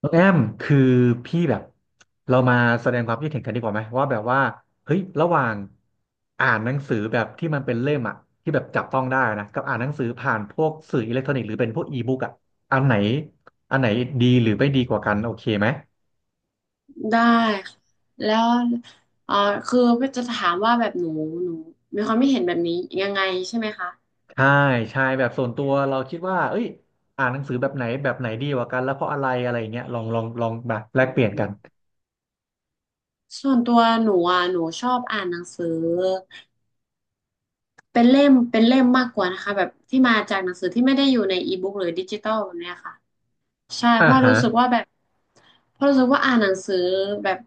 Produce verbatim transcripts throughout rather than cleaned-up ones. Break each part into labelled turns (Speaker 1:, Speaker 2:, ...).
Speaker 1: น้องแอมคือพี่แบบเรามาแสดงความคิดเห็นกันดีกว่าไหมว่าแบบว่าเฮ้ยระหว่างอ่านหนังสือแบบที่มันเป็นเล่มอะที่แบบจับต้องได้นะกับอ่านหนังสือผ่านพวกสื่ออิเล็กทรอนิกส์หรือเป็นพวกอีบุ๊กอะอันไหนอันไหนดีหรือไม่ดีกว่ากันโอเคไหม
Speaker 2: ได้ค่ะแล้วเอ่อคือจะถามว่าแบบหนูหนูมีความไม่เห็นแบบนี้ยังไงใช่ไหมคะ
Speaker 1: ใช่ใช่แบบส่วนตัวเราคิดว่าเอ้ยอ่านหนังสือแบบไหนแบบไหนดีกว่ากันแล้วเพราะอะไรอะไรอย่างเงี้ยลองลองลองมาแล
Speaker 2: อื
Speaker 1: กเปลี่ยนกัน
Speaker 2: มส่วนตัวหนูอ่ะหนูชอบอ่านหนังสือเป็นเล่มเป็นเล่มมากกว่านะคะแบบที่มาจากหนังสือที่ไม่ได้อยู่ในอีบุ๊กหรือดิจิตอลแบบเนี้ยค่ะ ใช่เพ
Speaker 1: อ่า
Speaker 2: ราะ
Speaker 1: ฮะ
Speaker 2: รู้สึกว่าแบบเพราะรู้สึกว่าอ่านหนังสือแบบ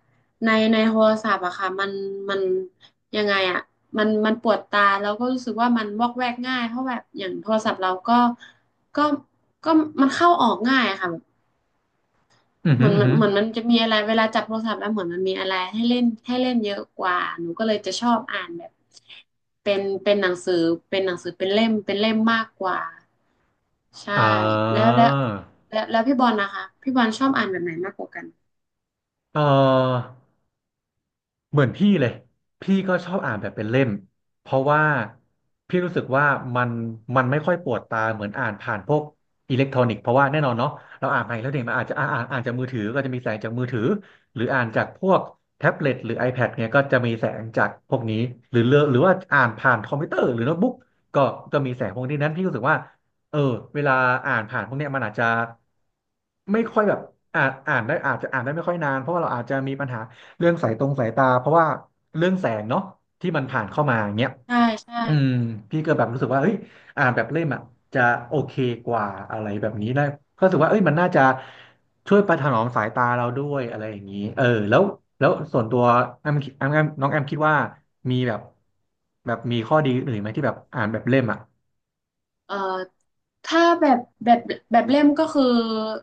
Speaker 2: ในในโทรศัพท์อะค่ะมันมันยังไงอะมันมันปวดตาแล้วก็รู้สึกว่ามันวอกแวกง่ายเพราะแบบอย่างโทรศัพท์เราก็ก็ก็มันเข้าออกง่ายอะค่ะแบบ
Speaker 1: อือ
Speaker 2: เห
Speaker 1: ฮึ
Speaker 2: มือน
Speaker 1: อือ
Speaker 2: มัน
Speaker 1: ฮึ
Speaker 2: เหมือนมันจะมีอะไรเวลาจับโทรศัพท์แล้วเหมือนมันมีอะไรให้เล่นให้เล่นเยอะกว่าหนูก็เลยจะชอบอ่านแบบเป็นเป็นหนังสือเป็นหนังสือเป็นเล่มเป็นเล่มมากกว่า ใช่
Speaker 1: อ่
Speaker 2: แล้ว
Speaker 1: า
Speaker 2: แล้วแล้วแล้วพี่บอลนะคะพี่บอลชอบอ่านแบบไหนมากกว่ากัน
Speaker 1: เออ เหมือนพี่เลยพี่ก็ชอบอ่านแบบเป็นเล่มเพราะว่าพี่รู้สึกว่ามันมันไม่ค่อยปวดตาเหมือนอ่านผ่านพวกอิเล็กทรอนิกส์เพราะว่าแน่นอนเนาะเราอ่านไปแล้วเนี่ยมันอาจจะอ่านอ่านอ่านจากมือถือก็จะมีแสงจากมือถือหรืออ่านจากพวกแท็บเล็ตหรือ iPad เนี่ยก็จะมีแสงจากพวกนี้หรือเลอกหรือว่าอ่านผ่านคอมพิวเตอร์หรือโน้ตบุ๊กก็ก็มีแสงพวกนี้นั้นพี่รู้สึกว่าเออเวลาอ่านผ่านพวกเนี้ยมันอาจจะไม่ค่อยแบบอ่านอ่านได้อาจจะอ่านได้ไม่ค่อยนานเพราะว่าเราอาจจะมีปัญหา เรื่องสายตรงสายตาเพราะว่าเรื่องแสงเนาะที่มันผ่านเข้ามาอย่างเงี้ย
Speaker 2: ใช่ใช่
Speaker 1: อืมพี่ก็แบบรู้สึกว่าเฮ้ยอ่านแบบเล่มอ่ะจะโอเคกว่าอะไรแบบนี้นะก็รู้สึกว่าเอ้ยมันน่าจะช่วยประถนอมสายตาเราด้วยอะไรอย่างนี้เออแล้วแล้วส่วนตัวแอมแอมแอมน้องแอมคิดว่ามีแบบแบบมีข้อดีอื่นไหมที่แบบอ่านแบบเล่มอ่ะ
Speaker 2: เอ่อถ้าแบบแบบแบบเล่มก็คือ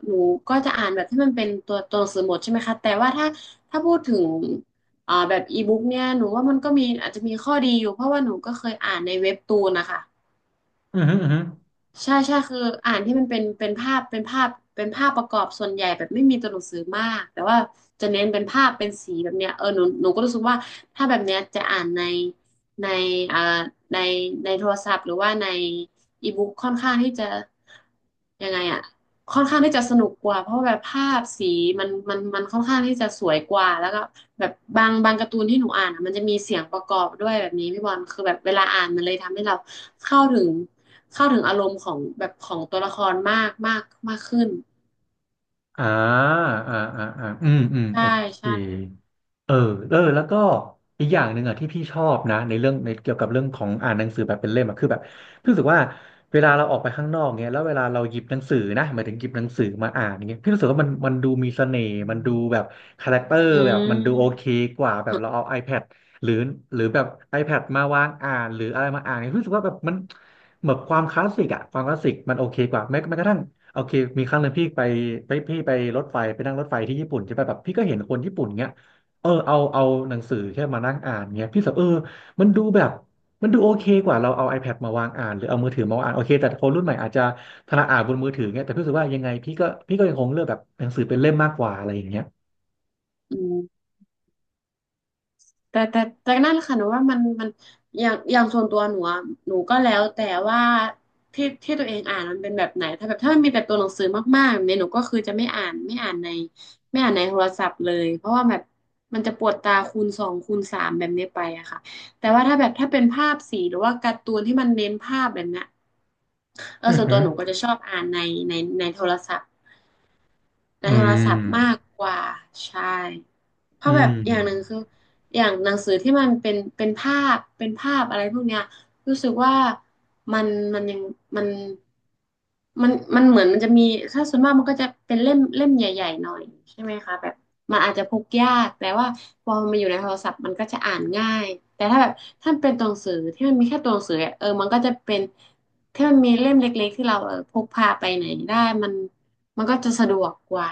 Speaker 2: หนูก็จะอ่านแบบที่มันเป็นตัวตัวหนังสือหมดใช่ไหมคะแต่ว่าถ้าถ้าพูดถึงอ่าแบบอีบุ๊กเนี่ยหนูว่ามันก็มีอาจจะมีข้อดีอยู่เพราะว่าหนูก็เคยอ่านในเว็บตูนนะคะ
Speaker 1: อือฮึอือฮึ
Speaker 2: ใช่ใช่คืออ่านที่มันเป็นเป็นภาพเป็นภาพเป็นภาพประกอบส่วนใหญ่แบบไม่มีตัวหนังสือมากแต่ว่าจะเน้นเป็นภาพเป็นสีแบบเนี้ยเออหนูหนูก็รู้สึกว่าถ้าแบบเนี้ยจะอ่านในในอ่าในในโทรศัพท์หรือว่าในอีบุ๊กค่อนข้างที่จะยังไงอ่ะค่อนข้างที่จะสนุกกว่าเพราะว่าแบบภาพสีมันมันมันค่อนข้างที่จะสวยกว่าแล้วก็แบบบางบางการ์ตูนที่หนูอ่านอะมันจะมีเสียงประกอบด้วยแบบนี้พี่บอลคือแบบเวลาอ่านมันเลยทำให้เราเข้าถึง เข้าถึงอารมณ์ของแบบของตัวละครมากมากมากขึ้น
Speaker 1: อ่าอ่าอ่าอ่าอืมอืม
Speaker 2: ใช่
Speaker 1: โอเค
Speaker 2: ใช่
Speaker 1: เออเออแล้วก็อีกอย่างหนึ่งอ่ะที่พี่ชอบนะในเรื่องในเกี่ยวกับเรื่องของอ่านหนังสือแบบเป็นเล่มอ่ะคือแบบพี่รู้สึกว่าเวลาเราออกไปข้างนอกเนี้ยแล้วเวลาเราหยิบหนังสือนะหมายถึงหยิบหนังสือมาอ่านอย่างเงี้ยพี่รู้สึกว่ามันมันดูมีเสน่ห์มันดูแบบคาแรคเตอร์แบบมันดูโอเคกว่าแบบเราเอา iPad หรือหรือแบบ iPad มาวางอ่านหรืออะไรมาอ่านเนี่ยพี่รู้สึกว่าแบบมันเหมือนความคลาสสิกอ่ะความคลาสสิกมันโอเคกว่าแม้แม้กระทั่งโอเคมีครั้งหนึ่งพี่ไปไปพี่ไปรถไฟไปนั่งรถไฟที่ญี่ปุ่นใช่ป่ะแบบพี่ก็เห็นคนญี่ปุ่นเงี้ย เออเอาเอาหนังสือแค่มานั่งอ่านเงี้ยพี่สับเออมันดูแบบมันดูโอเคกว่าเราเอา iPad มาวางอ่านหรือเอามือถือมาวางอ่านโอเคแต่คนรุ่นใหม่อาจจะถนัดอ่านบนมือถือเงี้ยแต่พี่รู้สึกว่ายังไงพี่ก็พี่ก็ยังคงเลือกแบบหนังสือเป็นเล่มมากกว่าอะไรอย่างเงี้ย
Speaker 2: อืมแต่แต่แต่นั่นแหละค่ะหนูว่ามันมันอย่างอย่างส่วนตัวหนูอะหนูก็แล้วแต่ว่าที่ที่ตัวเองอ่านมันเป็นแบบไหนถ้าแบบถ้ามันมีแต่ตัวหนังสือมากๆแบบนี้หนูก็คือจะไม่อ่านไม่อ่านในไม่อ่านในโทรศัพท์เลยเพราะว่าแบบมันจะปวดตาคูณสองคูณสามแบบนี้ไปอะค่ะแต่ว่าถ้าแบบถ้าเป็นภาพสีหรือว่าการ์ตูนที่มันเน้นภาพแบบเนี้ยเออ
Speaker 1: อือ
Speaker 2: ส่วน
Speaker 1: หื
Speaker 2: ตั
Speaker 1: อ
Speaker 2: วหนูก็จะชอบอ่านในในในโทรศัพท์ ใน
Speaker 1: อื
Speaker 2: โทรศัพท์มาก
Speaker 1: ม
Speaker 2: กว่าใช่ เพ
Speaker 1: อื
Speaker 2: ราะแบบอย่างหนึ่งคื
Speaker 1: ม
Speaker 2: ออย่างหนังสือที่มันเป็นเป็นภาพเป็นภาพอะไรพวกเนี้ยรู้สึกว่ามันมันยังมันมันมันเหมือนมันจะมีถ้าส่วนมากมันก็จะเป็นเล่มเล่มใหญ่ๆหน่อยใช่ไหมคะแบบมันอาจจะพกยากแต่ว่าพอมันอยู่ในโทรศัพท์มันก็จะอ่านง่ายแต่ถ้าแบบถ้ามันเป็นตัวหนังสือที่มันมีแค่ตัวหนังสืออะเออมันก็จะเป็นถ้ามันมีเล่มเล็กๆที่เราเออพกพาไปไหนได้มันมันก็จะสะดวกกว่า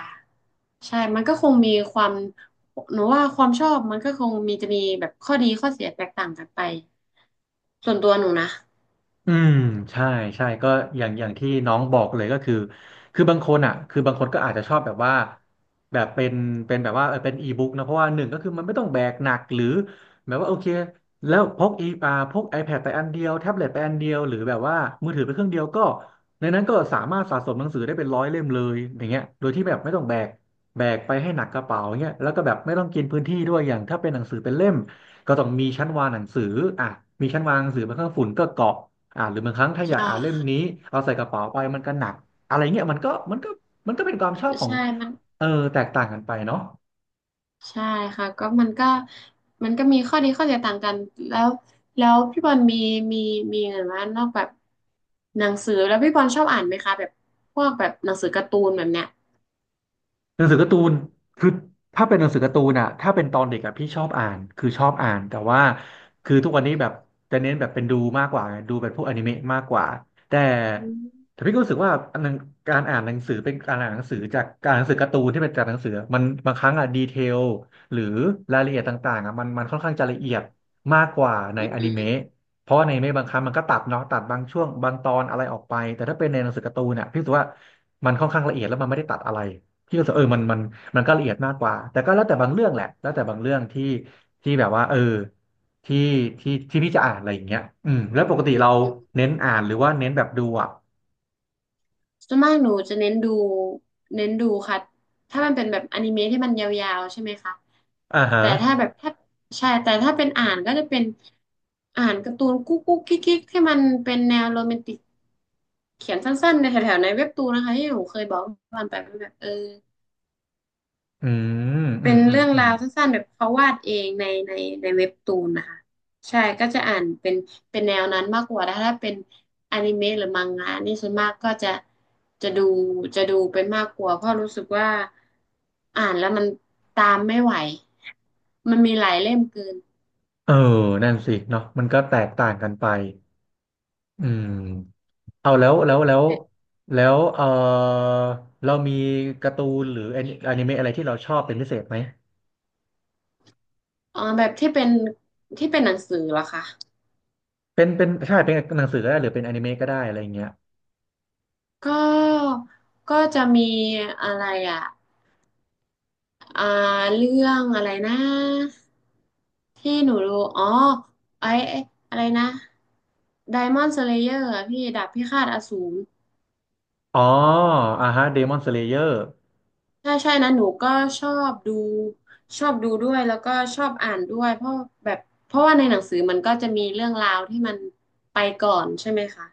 Speaker 2: ใช่ มันก็คงมีความ หนูว่าความชอบมันก็คงมีจะมีแบบข้อดีข้อเสียแตกต่างกันไปส่วนตัวหนูนะ
Speaker 1: อืมใช่ใช่ก็อย่างอย่างที่น้องบอกเลยก็คือคือบางคนอ่ะคือบางคนก็อาจจะชอบแบบว่าแบบเป็นเป็นแบบว่าเออเป็นอีบุ๊กนะเพราะว่าหนึ่งก็คือมันไม่ต้องแบกหนักหรือแบบว่าโอเคแล้วพกอีอ่าพก iPad ไปอันเดียวแท็บเล็ตไปอันเดียวหรือแบบว่ามือถือไปเครื่องเดียวก็ในนั้นก็สามารถสะสมหนังสือได้เป็นร้อยเล่มเลยอย่างเงี้ยโดยที่แบบไม่ต้องแบกแบกไปให้หนักกระเป๋าเงี้ยแล้วก็แบบไม่ต้องกินพื้นที่ด้วยอย่างถ้าเป็นหนังสือเป็นเล่มก็ต้องมีชั้นวางหนังสืออ่ะมีชั้นวางหนังสือบนเครื่องฝุ่นก็เกาะ อ่าหรือบางครั้งถ้าอยาก
Speaker 2: ใช่
Speaker 1: อ่านเล่มนี้เอาใส่กระเป๋าไปมันก็หนักอะไรเงี้ยมันก็มันก็มันก็เป็นความชอบของ
Speaker 2: ใช่มัน
Speaker 1: เออแตกต่างกันไปเนาะ
Speaker 2: ใช่ค่ะก็มันก็มันก็มีข้อดีข้อเสียต่างกันแล้วแล้วพี่บอลมีมีมีเห็นว่านอกแบบหนังสือแล้วพี่บอลชอบอ่านไหมคะแบบพวกแบบหนังสือการ์ตูนแบบเนี้ย
Speaker 1: หนังสือการ์ตูนคือถ้าเป็นหนังสือการ์ตูนอะถ้าเป็นตอนเด็กอะพี่ชอบอ่านคือชอบอ่าน แต่ว่าคือทุกวันนี้แบบจะเน้นแบบเป็นดูมากกว่าไงดูเป็นพวกอนิเมะมากกว่าแต่
Speaker 2: อืม
Speaker 1: แต่พี่ก็รู้สึกว่าอันหนึ่งการอ่านหนังสือเป็นการอ่านหนังสือจากการอ่านหนังสือการ์ตูนที่เป็นจากหนังสือมันบางครั้งอะดีเทลหรือรายละเอียดต่างๆอะมันมันค่อนข้างจะละเอียดมากกว่าใน
Speaker 2: อื
Speaker 1: อนิเมะ
Speaker 2: ม
Speaker 1: เพราะว่าในอนิเมะบางครั้งมันก็ตัดเนาะตัดบางช่วงบางตอนอะไรออกไปแต่ถ้าเป็นในหนังสือการ์ตูนอะพี่รู้สึกว่ามันค่อนข้างละเอียดแล้วมันไม่ได้ตัดอะไร พี่ก็รู้สึกเออมันมันมันก็ละเอียดมากกว่าแต่ก็แล้วแต่บางเรื่องแหละแล้วแต่บางเรื่องที่ที่แบบว่าเออที่ที่ที่พี่จะอ่านอะไรอย่างเงี้ยอืมแล้วปกติเรา
Speaker 2: อืม
Speaker 1: เน้นอ่านหรือว่าเน้นแบบดูอ่ะ
Speaker 2: ส่วนมากหนูจะเน้นดูเน้นดูค่ะถ้ามันเป็นแบบอนิเมะที่มันยาวๆใช่ไหมคะ
Speaker 1: อ่าฮะ
Speaker 2: แต่ถ้าแบบถ้าใช่แต่ถ้าเป็นอ่านก็จะเป็นอ่านการ์ตูนกุ๊กกุ๊กกิ๊กกิ๊กที่มันเป็นแนวโรแมนติกเขียนสั้นๆในแถวๆในเว็บตูนนะคะที่หนูเคยบอกวันไปว่าแบบเออ
Speaker 1: อืมอื
Speaker 2: เป็
Speaker 1: ม
Speaker 2: น
Speaker 1: อืม
Speaker 2: เรื่อง
Speaker 1: อื
Speaker 2: รา
Speaker 1: ม
Speaker 2: วสั้นๆแบบเขาวาดเองในในในเว็บตูนนะคะใช่ก็จะอ่านเป็นเป็นแนวนั้นมากกว่าถ้าเป็นอนิเมะหรือมังงะนี่ส่วนมากก็จะจะดูจะดูเป็นมากกว่าเพราะรู้สึกว่าอ่านแล้วมันตามไม่ไหวมันมีหลายเล่มเกิน
Speaker 1: เออนั่นสิเนาะมันก็แตกต่างกันไปอืมเอาแล้วแล้วแล้วแล้วเออเรามีการ์ตูนหรือแอนิเมะอะไรที่เราชอบเป็นพิเศษไหม
Speaker 2: อ๋อแบบที่เป็นที่เป็นหนังสือเหรอคะ
Speaker 1: เป็นเป็นใช่เป็นหนังสือก็ได้หรือเป็นแอนิเมะก็ได้อะไรอย่างเงี้ย
Speaker 2: ก็ก็จะมีอะไรอ่ะอ่าเรื่องอะไรนะที่หนูดูอ๋อไอ้ไอ้อะไรนะไดมอน d ์สเลเยอร์พี่ดาบพิฆาตอสูร
Speaker 1: อ๋ออ่าฮะเดมอนสเลเยอร์
Speaker 2: ใช่ใช่นะหนูก็ชอบดูชอบดูด้วยแล้วก็ชอบอ่านด้วยเพราะแบบเพราะว่าในหนังสือมันก็จะมีเรื่องราวที่มันไปก่อนใช่ไหมคะ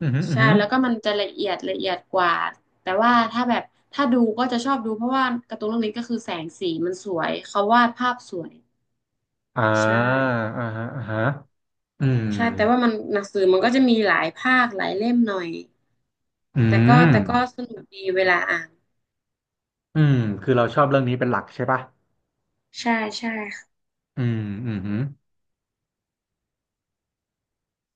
Speaker 1: อือหืออือ
Speaker 2: ใช่
Speaker 1: หือ
Speaker 2: แล้วก็มันจะละเอียดละเอียดกว่าแต่ว่าถ้าแบบถ้าดูก็จะชอบดูเพราะว่าการ์ตูนเรื่องนี้ก็คือแสงสีมันสวยเขาวาดภาพสวย
Speaker 1: อ่า
Speaker 2: ใช่
Speaker 1: อ่าฮะอ่าฮะอืม
Speaker 2: ใช่แต่ว่ามันหนังสือมันก็จะมีหลายภาคหลายเล่มหน่อย
Speaker 1: อื
Speaker 2: แต่ก็
Speaker 1: ม
Speaker 2: แต่ก็สนุกดีเวลาอ่าน
Speaker 1: อืมคือเราชอบเรื่องนี้เป็นหลักใช่ปะ
Speaker 2: ใช่ใช่ค่ะ
Speaker 1: อืมอืม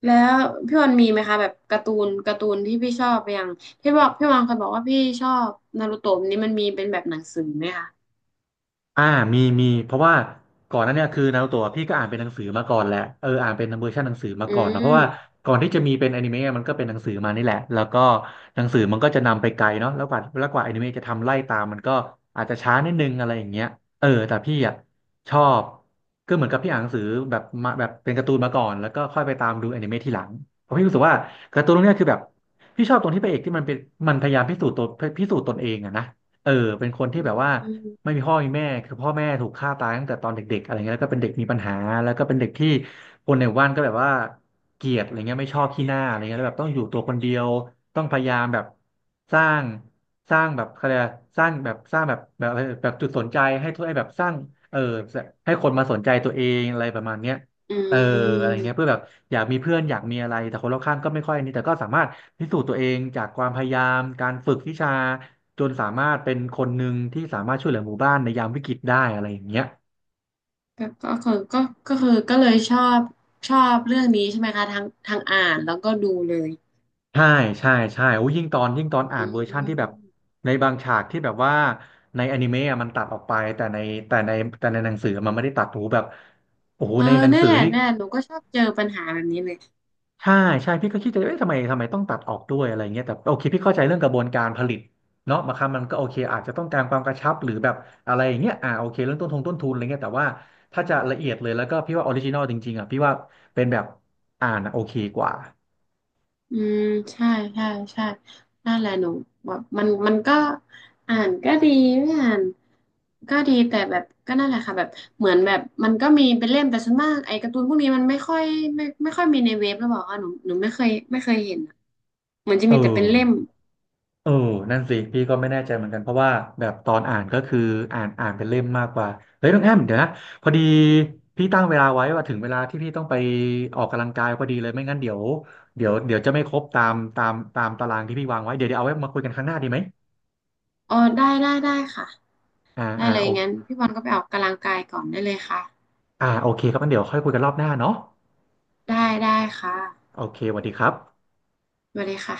Speaker 2: แล้วพี่วันมีไหมคะแบบการ์ตูนการ์ตูนที่พี่ชอบอย่างพี่บอกพี่วันเคยบอกว่าพี่ชอบนารูโตะนี้มันมีเป็นแบบหนังสือไหมคะ
Speaker 1: อ่ามีมีเพราะว่าก่อนหนั้นเนี่ยคือนารูโตะพี่ก็อ่านเป็นหนังสือมาก่อนแหละเอออ่านเป็นเวอร์ชันหนังสือมา
Speaker 2: อื
Speaker 1: ก่อนเนอะเพราะว่า
Speaker 2: ม
Speaker 1: ก่อนที่จะมีเป็นอนิเมะมันก็เป็นหนังสือมานี่แหละแล้วก็หนังสือมันก็จะนำไปไกลเนาะแล้วกว่าแล้วกว่าอนิเมะจะทำไล่ตามมันก็อาจจะช้านิดนึงอะไรอย่างเงี้ยเออแต่พี่อ่ะชอบก็เหมือนกับพี่อ่านหนังสือแบบมาแบบเป็นการ์ตูนมาก่อนแล้วก็ค่อยไปตามดูอนิเมะทีหลังเพราะพี่รู้สึกว่าการ์ตูนเรื่องเนี้ยคือแบบพี่ชอบตรงที่พระเอกที่มันเป็นมันพยายามพิสูจน์ตัวพิสูจน์ตนเองอะนะเออเป็นคนที่
Speaker 2: อื
Speaker 1: แบบว่า ไม่
Speaker 2: ม
Speaker 1: มีพ่อมีแม่คือพ่อแม่ถูกฆ่าตายตั้งแต่ตอนเด็กๆอะไรเงี้ยแล้วก็เป็นเด็กมีปัญหาแล้วก็เป็นเด็กที่คนในหมู่บ้านก็แบบว่าเกลียดอะไรเงี้ยไม่ชอบขี้หน้าอะไรเงี้ยแล้วแบบต้องอยู่ตัวคนเดียวต้องพยายามแบบสร้างสร้างแบบอะไรยกะสร้างแบบสร้างแบบแบบแบบจุดสนใจให้ทุกไอ้แบบสร้างเออให้คนมาสนใจตัวเองอะไรประมาณเนี้ย
Speaker 2: อื
Speaker 1: เอออะไรเงี้ยเพื่
Speaker 2: ม
Speaker 1: อแบบอยากมีเพื่อนอยากมีอะไรแต่คนรอบข้างก็ไม่ค่อยอันนี้แต่ก็สามารถพิสูจน์ตัวเองจากความพยายามการฝึกวิชา จนสามารถเป็นคนหนึ่งที่สามารถช่วยเหลือหมู่บ้านในยามวิกฤตได้อะไรอย่างเงี้ย
Speaker 2: ก็ก็คือก็ก็คือก็เลยชอบชอบเรื่องนี้ใช่ไหมคะทั้งทั้งอ่านแล้วก็ดูเลย
Speaker 1: ใช่ใช่ใช่โอ้ยิ่งตอนยิ่งตอนอ่า
Speaker 2: อื
Speaker 1: นเวอร์ชั่นที่แบบ
Speaker 2: ม
Speaker 1: ในบางฉากที่แบบว่าในอนิเมะอะมันตัดออกไปแต่ในแต่ในแต่ในหนังสือมันไม่ได้ตัดโอ้โหแบบโอ้โห
Speaker 2: เออ
Speaker 1: ในหนัง
Speaker 2: นั่
Speaker 1: สื
Speaker 2: น
Speaker 1: อ
Speaker 2: แหละ
Speaker 1: นี่
Speaker 2: นั่นแหละหนูก็ชอบเจอปัญหาแบบนี้เลย
Speaker 1: ใช่ใช่พี่ก็คิดจะเอ๊ะทำไมทำไมต้องตัดออกด้วยอะไรเงี้ยแต่โอเคพี่เข้าใจเรื่องกระบวนการผลิตเนาะบางครั้งมันก็โอเคอาจจะต้องการความกระชับหรือแบบอะไรอย่างเงี้ยอ่าโอเคเรื่องต้นทุนต้นทุนอะไรเงี้ยแต่ว่าถ้าจะละเอียดเลยแล้วก็พี่ว่าออริจินอลจริงๆอ่ะพี่ว่าเป็นแบบอ่านอะโอเคกว่า
Speaker 2: อืมใช่ใช่ใช่นั่นแหละหนูแบบมันมันก็อ่านก็ดีไม่อ่านก็ดีแต่แบบก็นั่นแหละค่ะแบบเหมือนแบบมันก็มีเป็นเล่มแต่ส่วนมากไอ้การ์ตูนพวกนี้มันไม่ค่อยไม่ไม่ค่อยมีในเว็บหรือเปล่าคะหนูหนูไม่เคยไม่เคยเห็นอะเหมือนจะ
Speaker 1: เอ
Speaker 2: มีแต่เป็นเล่ม
Speaker 1: อ เออนั่นสิพี่ก็ไม่แน่ใจเหมือนกันเพราะว่าแบบตอนอ่านก็คืออ่านอ่านเป็นเล่มมากกว่าเฮ้ยน้องแอมเดี๋ยวนะพอดีพี่ตั้งเวลาไว้ว่าถึงเวลาที่พี่ต้องไปออกกำลังกายพอดีเลยไม่งั้นเดี๋ยวเดี๋ยวเดี๋ยวจะไม่ครบตามตามตามตารางที่พี่วางไว้เดี๋ยวเดี๋ยวเอาไว้มาคุยกันครั้งหน้าดีไหม
Speaker 2: อ๋อได้ได้ได้ค่ะ
Speaker 1: อ่า
Speaker 2: ได้
Speaker 1: อ่า
Speaker 2: เลย
Speaker 1: โอ
Speaker 2: งั้นพี่บอลก็ไปออกกำลังกายก่อนได้เลยค่ะ
Speaker 1: อ่าโอเคครับงั้นเดี๋ยวค่อยคุยกันรอบหน้าเนาะ
Speaker 2: ได้ได้ค่ะ
Speaker 1: โอเคสวัสดีครับ
Speaker 2: สวัสดีค่ะ